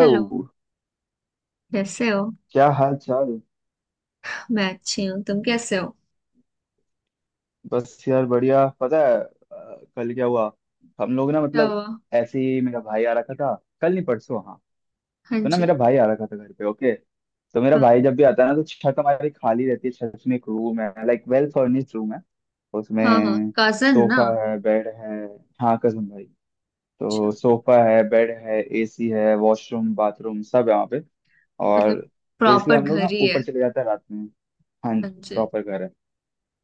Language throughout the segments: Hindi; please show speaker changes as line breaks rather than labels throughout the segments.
हेलो। कैसे हो?
क्या हाल चाल।
मैं अच्छी हूँ, तुम कैसे हो?
बस यार, बढ़िया। पता है कल क्या हुआ। हम लोग ना,
क्या
मतलब
हुआ?
ऐसे ही मेरा भाई आ रखा था। कल नहीं परसों, हाँ।
हाँ
तो ना,
जी।
मेरा भाई आ रखा था घर पे। ओके, तो मेरा
हाँ
भाई जब भी आता है ना, तो छत हमारी खाली रहती है। छत में एक रूम है, लाइक वेल फर्निश्ड रूम है।
हाँ, हाँ
उसमें
कजन ना।
सोफा है, बेड है। हाँ कसम भाई।
अच्छा।
तो सोफा है, बेड है, एसी है, वॉशरूम बाथरूम सब है वहाँ पे। और
मतलब
तो इसलिए
प्रॉपर
हम लोग
घर
ना
ही है।
ऊपर चले जाते हैं रात में। हाँ
हाँ
जी,
जी।
प्रॉपर घर है।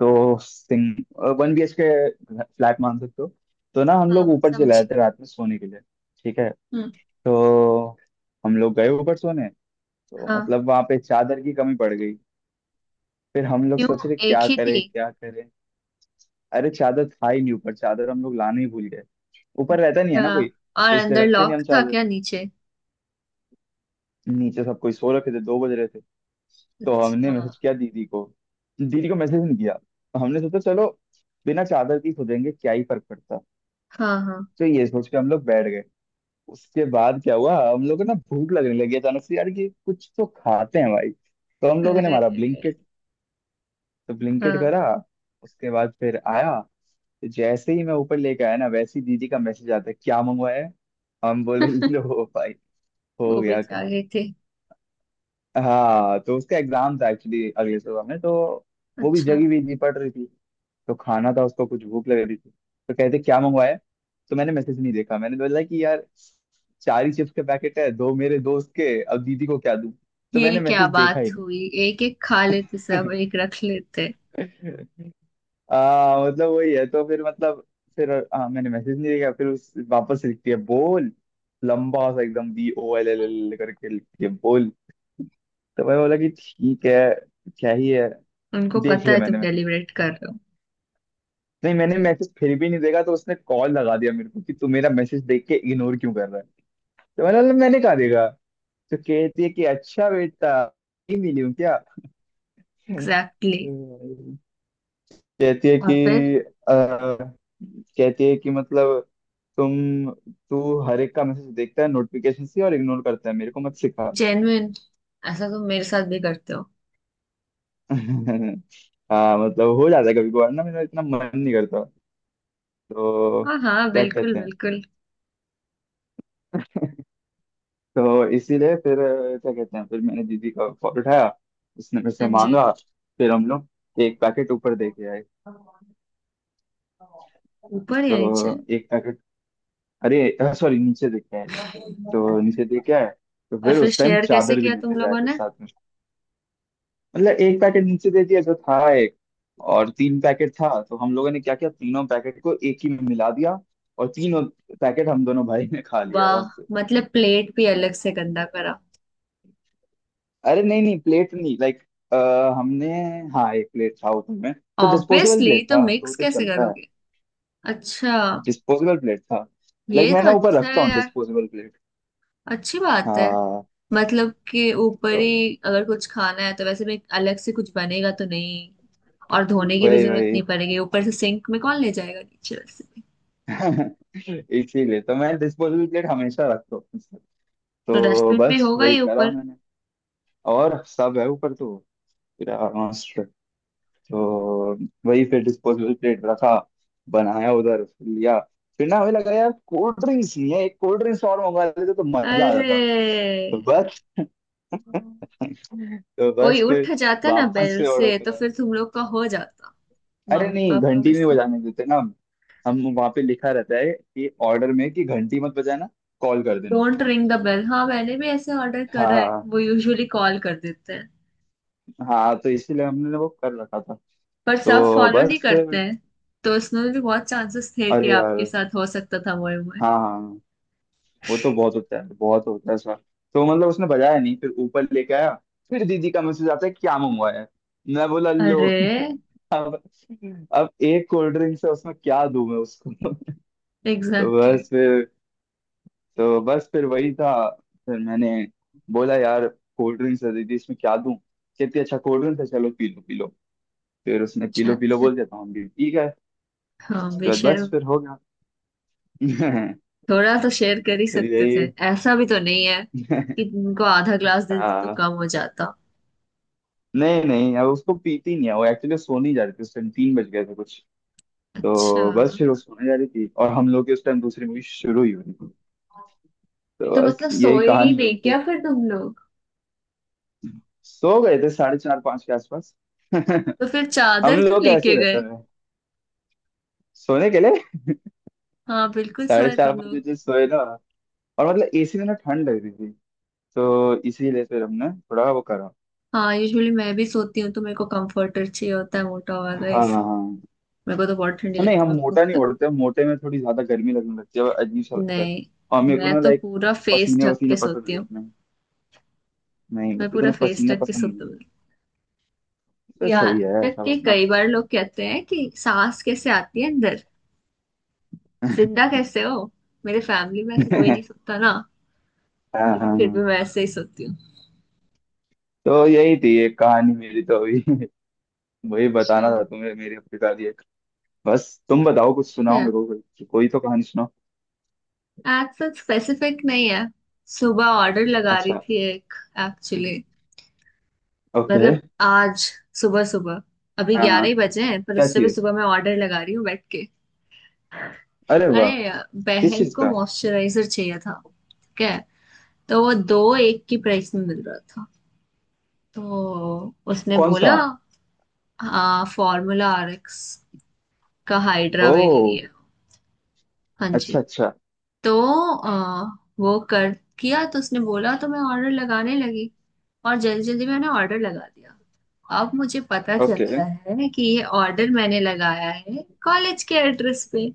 तो सिंग 1 BHK फ्लैट मान सकते हो। तो ना हम
हाँ
लोग
हाँ,
ऊपर चले
समझी।
आए थे रात में सोने के लिए। ठीक है।
हम्म।
तो हम लोग गए ऊपर सोने। तो
हाँ।
मतलब वहां पे चादर की कमी पड़ गई। फिर हम लोग
क्यों?
सोच रहे
एक
क्या
ही थी?
करें क्या करें। अरे चादर था ही नहीं ऊपर। चादर हम लोग लाना ही भूल गए। ऊपर रहता नहीं है ना
हाँ।
कोई,
और
तो इसलिए
अंदर
रखते नहीं
लॉक
हम
था
चादर।
क्या नीचे?
नीचे सब कोई सो रखे थे, 2 बजे रहे थे। तो हमने
अच्छा।
मैसेज किया दीदी को। दीदी को मैसेज नहीं किया, हमने सोचा चलो बिना चादर की सो जाएंगे, क्या ही फर्क पड़ता है।
हाँ हाँ।
तो ये सोच के हम लोग बैठ गए। उसके बाद क्या हुआ, हम लोग को ना भूख लगने लगी अचानक से। यार, कि कुछ तो खाते हैं भाई। तो हम लोगों ने
अरे।
मारा ब्लिंकिट। तो ब्लिंकिट
हाँ।
करा। उसके बाद फिर आया। तो जैसे ही मैं ऊपर लेके आया ना, वैसे ही दीदी का मैसेज आता है, "क्या मंगवाया है?" हम बोले लो भाई, हो
वो भी
गया।
जागे थे।
हाँ, तो उसका एग्जाम था एक्चुअली अगले सुबह में। तो वो भी
अच्छा।
जगी हुई थी, पढ़ रही थी। तो खाना था उसको, कुछ भूख लग रही थी। तो कहते क्या मंगवाया। तो मैंने मैसेज नहीं देखा। मैंने बोला कि यार, चार ही चिप्स के पैकेट है, दो मेरे दोस्त के, अब दीदी को क्या दूं। तो
ये
मैंने
क्या
मैसेज देखा
बात
ही
हुई? एक एक खा लेते, सब
नहीं।
एक रख लेते।
मतलब वही है तो फिर मतलब फिर, मैंने मैसेज नहीं देखा। फिर उस वापस लिखती है बोल। लंबा सा एकदम BOLLLL करके लिखती है, बोल। तो मैं बोला कि ठीक है, क्या ही है।
उनको
देख
पता
लिया
है तुम
मैंने मैसेज।
डेलीब्रेट कर रहे हो।
नहीं, मैंने मैसेज फिर भी नहीं देखा, तो उसने कॉल लगा दिया मेरे को कि तू मेरा मैसेज देख के इग्नोर क्यों कर रहा है। मैंने कहा देखा। तो कहती है कि अच्छा बेटा नहीं मिली हूँ क्या।
एग्जैक्टली।
कहती है कि
और फिर?
कहती है कि मतलब तुम तू हर एक का मैसेज देखता है नोटिफिकेशन से और इग्नोर करता है, मेरे को मत सिखा।
जेन्युइन। ऐसा तुम मेरे साथ भी करते हो?
हाँ मतलब हो जाता है कभी कभार, ना मेरा इतना मन नहीं करता। तो
हाँ हाँ,
क्या
बिल्कुल
कहते हैं।
बिल्कुल।
तो इसीलिए फिर क्या कहते हैं, फिर मैंने दीदी का फोन उठाया। उसने मेरे
हाँ
से
जी।
मांगा। फिर हम लोग एक पैकेट ऊपर दे के आए।
ऊपर या नीचे?
तो एक पैकेट, अरे सॉरी नीचे देख के आए। तो नीचे दे के आए। तो
और
फिर
फिर
उस टाइम
शेयर कैसे
चादर भी
किया
लेते
तुम
हुए आए
लोगों
फिर
ने?
साथ में। मतलब एक पैकेट नीचे दे दिया जो था, एक। और तीन पैकेट था, तो हम लोगों ने क्या किया, तीनों पैकेट को एक ही में मिला दिया। और तीनों पैकेट हम दोनों भाई ने खा लिया
वाह।
आराम।
मतलब प्लेट भी अलग से गंदा करा?
अरे नहीं नहीं, प्लेट नहीं, लाइक हमने, हाँ एक प्लेट था ऊपर में। तो डिस्पोजेबल
ऑब्वियसली,
प्लेट
तो
था, तो वो
मिक्स
तो
कैसे
चलता है।
करोगे। अच्छा।
डिस्पोजेबल प्लेट था। लाइक
ये
मैं
तो
ना ऊपर
अच्छा
रखता
है
हूँ
यार।
Disposable plate.
अच्छी बात है।
हाँ।
मतलब कि ऊपर
तो
ही अगर कुछ खाना है तो वैसे भी अलग से कुछ बनेगा तो नहीं। और धोने की भी
वही
जरूरत
वही।
नहीं पड़ेगी, ऊपर से सिंक में कौन ले जाएगा नीचे वैसे भी।
इसीलिए तो मैं डिस्पोजेबल प्लेट हमेशा रखता हूँ अपने साथ।
तो
तो
डस्टबिन भी
बस
होगा
वही
ही
करा
ऊपर।
मैंने। और सब है ऊपर तो, पूरा मस्त। तो वही फिर डिस्पोजेबल प्लेट रखा, बनाया, उधर फिर लिया। फिर ना हमें लगा, यार कोल्ड ड्रिंक्स नहीं है, एक कोल्ड ड्रिंक्स और मंगवा लेते तो मजा आ
अरे,
जाता। तो बस। तो
कोई
बस
उठ
फिर
जाता ना
वापस
बेल
से
से
ऑर्डर
तो
करा।
फिर तुम लोग का हो जाता।
अरे
मम्मी
नहीं,
पापा में
घंटी नहीं
से।
बजाने देते ना हम। वहां पे लिखा रहता है कि ऑर्डर में, कि घंटी मत बजाना, कॉल कर देना।
Don't ring the bell. हाँ, मैंने भी ऐसे ऑर्डर करा है,
हाँ।
वो यूजुअली कॉल कर देते हैं।
हाँ, तो इसीलिए हमने वो कर रखा था।
पर सब
तो
फॉलो नहीं
बस
करते
फिर-
हैं। तो उसमें भी बहुत चांसेस थे कि
अरे
आपके
यार।
साथ हो सकता था मोए मोए।
हाँ हाँ। वो तो बहुत होता है, बहुत होता है सर। तो मतलब उसने बजाया नहीं, फिर ऊपर लेके आया। फिर दीदी का मैसेज आता है, "क्या मंगवाया है?" मैं बोला लो।
अरे।
अब अब एक कोल्ड ड्रिंक से उसमें क्या दूं मैं उसको। तो
एग्जैक्टली exactly।
बस फिर तो बस फिर वही था। फिर मैंने बोला, यार कोल्ड ड्रिंक्स है दीदी, इसमें क्या दूं। कहती अच्छा कोल्ड ड्रिंक्स है, चलो पी लो पी लो। फिर उसने
अच्छा
पी लो
अच्छा।
बोल दिया, तो हम भी पी गए।
हाँ,
उसके बाद बस
बेशर्म।
फिर हो गया।
थोड़ा तो शेयर कर ही
तो
सकते
यही।
थे। ऐसा भी तो नहीं है कि तुमको आधा ग्लास दे देते तो
हाँ,
कम हो जाता।
नहीं नहीं, अब उसको पीती नहीं है वो एक्चुअली। सोने जा रही थी उस टाइम, 3 बजे गए थे कुछ।
अच्छा।
तो बस फिर वो सोने जा रही थी, और हम लोग की उस टाइम दूसरी मूवी शुरू ही हो रही थी। तो
तो
बस
मतलब
यही
सोए ही
कहानी हुई
नहीं
थी।
क्या फिर तुम लोग?
सो गए थे 4:30-5 के आसपास।
तो फिर
हम
चादर क्यों
लोग कैसे
लेके
रहते
गए?
हैं सोने के लिए।
हाँ, बिल्कुल
साढ़े
सोए
चार
तुम
पाँच
लोग।
बजे सोए ना। और मतलब एसी में ना ठंड लग रही थी, तो इसीलिए फिर हमने थोड़ा वो करा।
हाँ, यूजुअली मैं भी सोती हूँ तो मेरे को कंफर्टर चाहिए होता है, मोटा वाला
हाँ
इसी।
हाँ हाँ।
मेरे को तो बहुत ठंडी
तो नहीं,
लगती
हम
है, मैं मुंह
मोटा नहीं
तक।
ओढ़ते, मोटे में थोड़ी ज्यादा गर्मी लगने लगती है, अजीब सा लगता है।
नहीं,
और मेरे को
मैं
ना
तो
लाइक
पूरा फेस
पसीने
ढक के
वसीने पसंद
सोती
नहीं
हूँ।
इतने। नहीं, मेरे
मैं
को
पूरा
इतने
फेस
पसीने
ढक के
पसंद नहीं।
सोती हूँ।
तो
यहाँ
सही है,
तक
सब
कि
अपना
कई
अपना
बार
सोचें।
लोग कहते हैं कि सांस कैसे आती है अंदर, जिंदा कैसे हो। मेरे फैमिली में ऐसे कोई नहीं सोता ना।
हाँ हाँ
लेकिन फिर
हाँ।
भी मैं ऐसे ही सोती हूँ।
तो यही थी एक कहानी मेरी तो अभी। वही
अच्छा।
बताना था तुम्हें, मेरी अफ्रीका की एक। बस, तुम बताओ, कुछ सुनाओ
yeah।
मेरे को। कोई कोई तो कहानी सुनाओ।
आज तक स्पेसिफिक नहीं है। सुबह ऑर्डर लगा रही
अच्छा।
थी एक। Actually,
okay.
मतलब आज सुबह सुबह, अभी
हाँ
11
हाँ।
ही बजे हैं पर
क्या
उससे भी
चीज।
सुबह मैं ऑर्डर लगा रही हूँ बैठ के।
अरे वाह।
अरे,
किस
बहन
चीज
को
का।
मॉइस्चराइजर चाहिए था। ठीक है। तो वो दो एक की प्राइस में मिल रहा था, तो उसने
कौन सा।
बोला। हाँ, फॉर्मूला RX का
ओ,
हाइड्रा वेल लिया। हाँ
अच्छा
जी।
अच्छा।
तो वो कर किया तो उसने बोला, तो मैं ऑर्डर लगाने लगी। और जल्दी जल्दी मैंने ऑर्डर लगा दिया। अब मुझे पता
ओके।
चलता है कि ये ऑर्डर मैंने लगाया है कॉलेज के एड्रेस पे।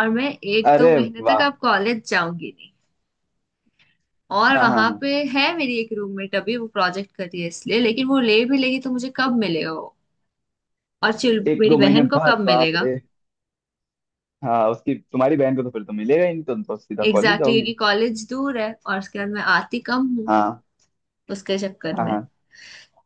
और मैं एक दो
अरे
महीने तक
वाह।
अब कॉलेज जाऊंगी नहीं। और
हाँ हाँ
वहां
हाँ।
पे है मेरी एक रूममेट, अभी वो प्रोजेक्ट कर रही है इसलिए, लेकिन वो ले भी लेगी तो मुझे कब मिलेगा वो। और चिल,
एक
मेरी
दो महीने
बहन को कब
बाद, बाप
मिलेगा।
रे। हाँ उसकी, तुम्हारी बहन को तो फिर तो मिलेगा ही नहीं, तुम तो सीधा कॉलेज
एग्जैक्टली exactly,
जाओगी।
क्योंकि कॉलेज दूर है और उसके बाद मैं आती कम हूँ
हाँ
उसके चक्कर
हाँ
में।
हाँ।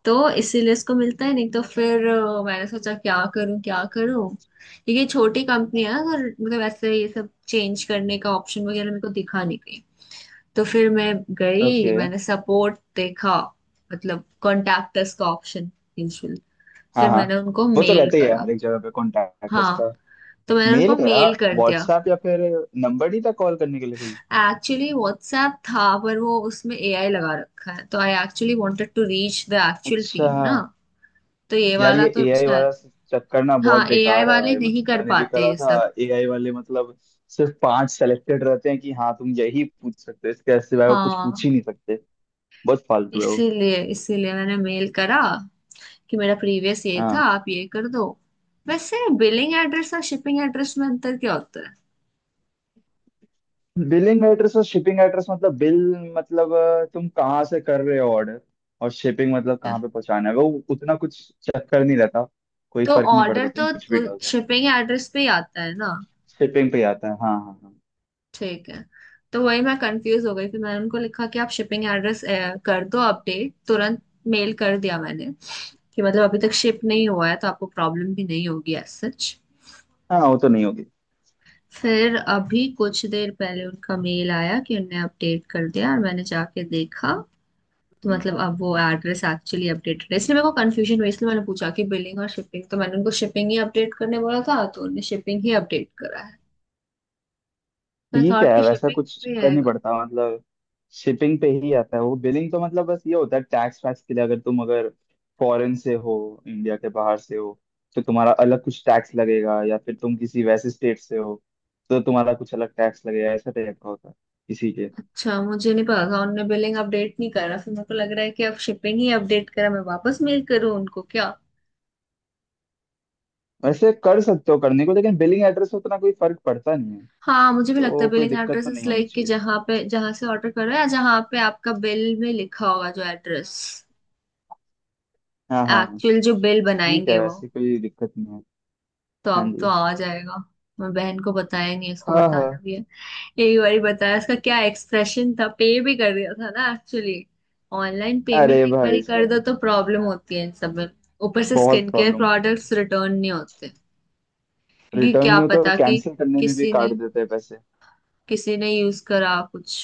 तो इसीलिए इसको मिलता है नहीं। तो फिर मैंने सोचा क्या करूं क्या करूं, क्योंकि ये छोटी कंपनी है। अगर मतलब ऐसे ये सब चेंज करने का ऑप्शन वगैरह मेरे को दिखा नहीं कहीं। तो फिर मैं गई,
ओके।
मैंने सपोर्ट देखा, मतलब कॉन्टैक्ट अस का ऑप्शन, यूजुअल।
हाँ
फिर
हाँ,
मैंने उनको
वो तो
मेल
रहते ही है
करा।
हर एक जगह पे कॉन्टैक्ट
हाँ।
उसका।
तो मैंने
मेल
उनको
करा,
मेल कर दिया।
व्हाट्सएप या फिर नंबर नहीं था कॉल करने के लिए कोई।
एक्चुअली व्हाट्सएप था, पर वो उसमें AI लगा रखा है, तो I actually wanted to reach the actual
अच्छा,
टीम ना। तो ये
यार ये
वाला तो
एआई
शायद।
वाला चक्कर ना बहुत
हाँ, AI
बेकार है
वाले
भाई,
नहीं
मतलब
कर
मैंने भी
पाते
करा
ये
था।
सब।
एआई वाले मतलब सिर्फ 5 सेलेक्टेड रहते हैं कि हाँ तुम यही पूछ सकते हो, इसके सिवाय वो कुछ
हाँ।
पूछ ही नहीं सकते। बहुत फालतू है वो।
इसीलिए इसीलिए मैंने मेल करा, कि मेरा प्रीवियस ये था, आप ये कर दो। वैसे बिलिंग एड्रेस और शिपिंग एड्रेस में अंतर क्या होता है?
बिलिंग एड्रेस और शिपिंग एड्रेस मतलब बिल, मतलब तुम कहाँ से कर रहे हो ऑर्डर, और शिपिंग मतलब
अच्छा।
कहाँ पे पहुँचाना है वो। उतना कुछ चक्कर नहीं रहता। कोई
तो
फर्क नहीं
ऑर्डर
पड़ता, तुम कुछ भी
तो
डाल दो।
शिपिंग एड्रेस पे ही आता है ना?
शिपिंग पे ही आता है, हाँ हाँ हाँ।
ठीक है। तो वही मैं कंफ्यूज हो गई, फिर मैंने उनको लिखा कि आप शिपिंग एड्रेस कर दो अपडेट तुरंत। मेल कर दिया मैंने, कि मतलब अभी तक शिप नहीं हुआ है तो आपको प्रॉब्लम भी नहीं होगी एज सच।
हाँ, वो तो नहीं होगी।
फिर अभी कुछ देर पहले उनका मेल आया कि उनने अपडेट कर दिया, और मैंने जाके देखा। तो मतलब अब वो एड्रेस एक्चुअली अपडेटेड है। इसलिए मेरे को कंफ्यूजन हुई, इसलिए मैंने पूछा कि बिलिंग और शिपिंग। तो मैंने उनको शिपिंग ही अपडेट करने बोला था तो उन्होंने शिपिंग ही अपडेट करा है। मैं
ठीक
थॉट
है,
कि
वैसा
शिपिंग
कुछ
भी
कर नहीं
आएगा।
पड़ता मतलब। शिपिंग पे ही आता है वो, बिलिंग तो मतलब बस ये होता है टैक्स वैक्स के लिए, अगर तुम अगर फॉरेन से हो, इंडिया के बाहर से हो, तो तुम्हारा अलग कुछ टैक्स लगेगा, या फिर तुम किसी वैसे स्टेट से हो तो तुम्हारा कुछ अलग टैक्स लगेगा, ऐसा टाइप का होता है किसी के।
अच्छा, मुझे नहीं पता था। उनने बिलिंग अपडेट नहीं करा। फिर मेरे को लग रहा है कि अब शिपिंग ही अपडेट करा, मैं वापस मेल करूँ उनको क्या?
वैसे कर सकते हो करने को, लेकिन बिलिंग एड्रेस से उतना कोई फर्क पड़ता नहीं है।
हाँ, मुझे भी लगता
तो
है
कोई
बिलिंग
दिक्कत
एड्रेस
तो नहीं
इज
होनी
लाइक कि
चाहिए,
जहाँ पे, जहाँ से ऑर्डर करो, या जहाँ पे आपका बिल में लिखा होगा जो एड्रेस,
हाँ हाँ हाँ।
एक्चुअल जो बिल
ठीक है,
बनाएंगे वो।
वैसे कोई दिक्कत नहीं है।
तो
हाँ
अब तो
जी।
आ जाएगा। मैं बहन को बताया नहीं, उसको
हाँ
बताना
हाँ।
भी है। एक बारी बताया उसका क्या एक्सप्रेशन था, पे भी कर दिया था ना एक्चुअली। ऑनलाइन पेमेंट
अरे
एक बारी
भाई
कर दो
साहब।
तो प्रॉब्लम होती है इन सब में। ऊपर से
बहुत
स्किन केयर
प्रॉब्लम होती है।
प्रोडक्ट्स रिटर्न नहीं होते, क्योंकि
रिटर्न
क्या
नहीं होता, और
पता कि
कैंसिल करने में भी
किसी
काट
ने,
देते हैं पैसे।
किसी ने यूज करा कुछ,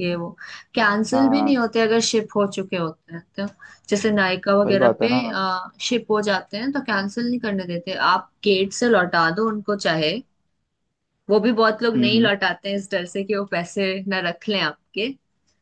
ये वो।
हाँ
कैंसिल भी
हाँ,
नहीं होते अगर शिप हो चुके होते हैं तो। जैसे नायका
वही
वगैरह
बात
पे,
है ना।
शिप हो जाते हैं तो कैंसिल नहीं करने देते, आप गेट से लौटा दो उनको चाहे। वो भी बहुत लोग नहीं
हम्म।
लौटाते हैं इस डर से कि वो पैसे ना रख लें आपके।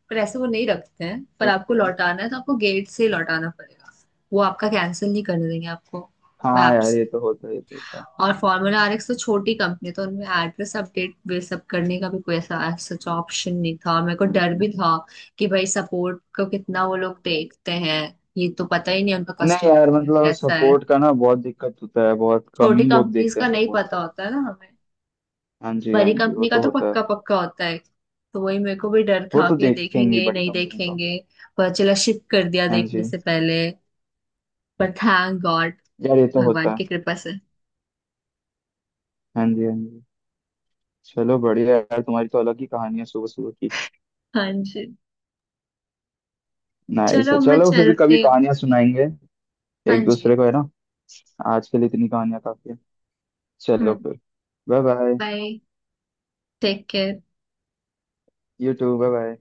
पर ऐसे वो नहीं रखते हैं, पर आपको
ओके।
लौटाना है तो आपको गेट से ही लौटाना पड़ेगा। वो आपका कैंसिल नहीं करने देंगे आपको
हाँ
ऐप
यार,
से।
ये तो होता है, ये तो होता है।
और फार्मूला RX तो छोटी कंपनी है, तो उनमें एड्रेस अपडेट वे सब करने का भी कोई ऐसा सच ऑप्शन नहीं था, और मेरे को डर भी था कि भाई सपोर्ट को कितना वो लोग देखते हैं। ये तो पता ही नहीं उनका
नहीं
कस्टमर
यार, मतलब
कैसा है।
सपोर्ट का ना बहुत दिक्कत होता है, बहुत कम
छोटी
ही लोग
कंपनीज
देखते हैं
का नहीं
सपोर्ट
पता
तो।
होता है ना हमें।
हाँ जी हाँ
बड़ी
जी, वो
कंपनी का
तो
तो
होता है।
पक्का पक्का होता है। तो वही मेरे को भी डर
वो
था
तो
कि ये
देखेंगी
देखेंगे
बड़ी
नहीं
कंपनी तो।
देखेंगे। पता चला शिफ्ट कर दिया
हाँ
देखने
जी।
से पहले। पर थैंक गॉड,
यार ये तो
भगवान
होता है।
की कृपा से।
हाँ जी हाँ जी। चलो बढ़िया यार, तुम्हारी तो अलग ही कहानी है सुबह सुबह की।
हाँ जी।
नाइस
चलो
है,
मैं
चलो फिर कभी
चलती हूँ।
कहानियां सुनाएंगे
हाँ
एक दूसरे
जी।
को, है ना। आज के लिए इतनी कहानियां काफी है। चलो
हम्म।
फिर bye bye.
Bye. Take care.
You too, bye bye.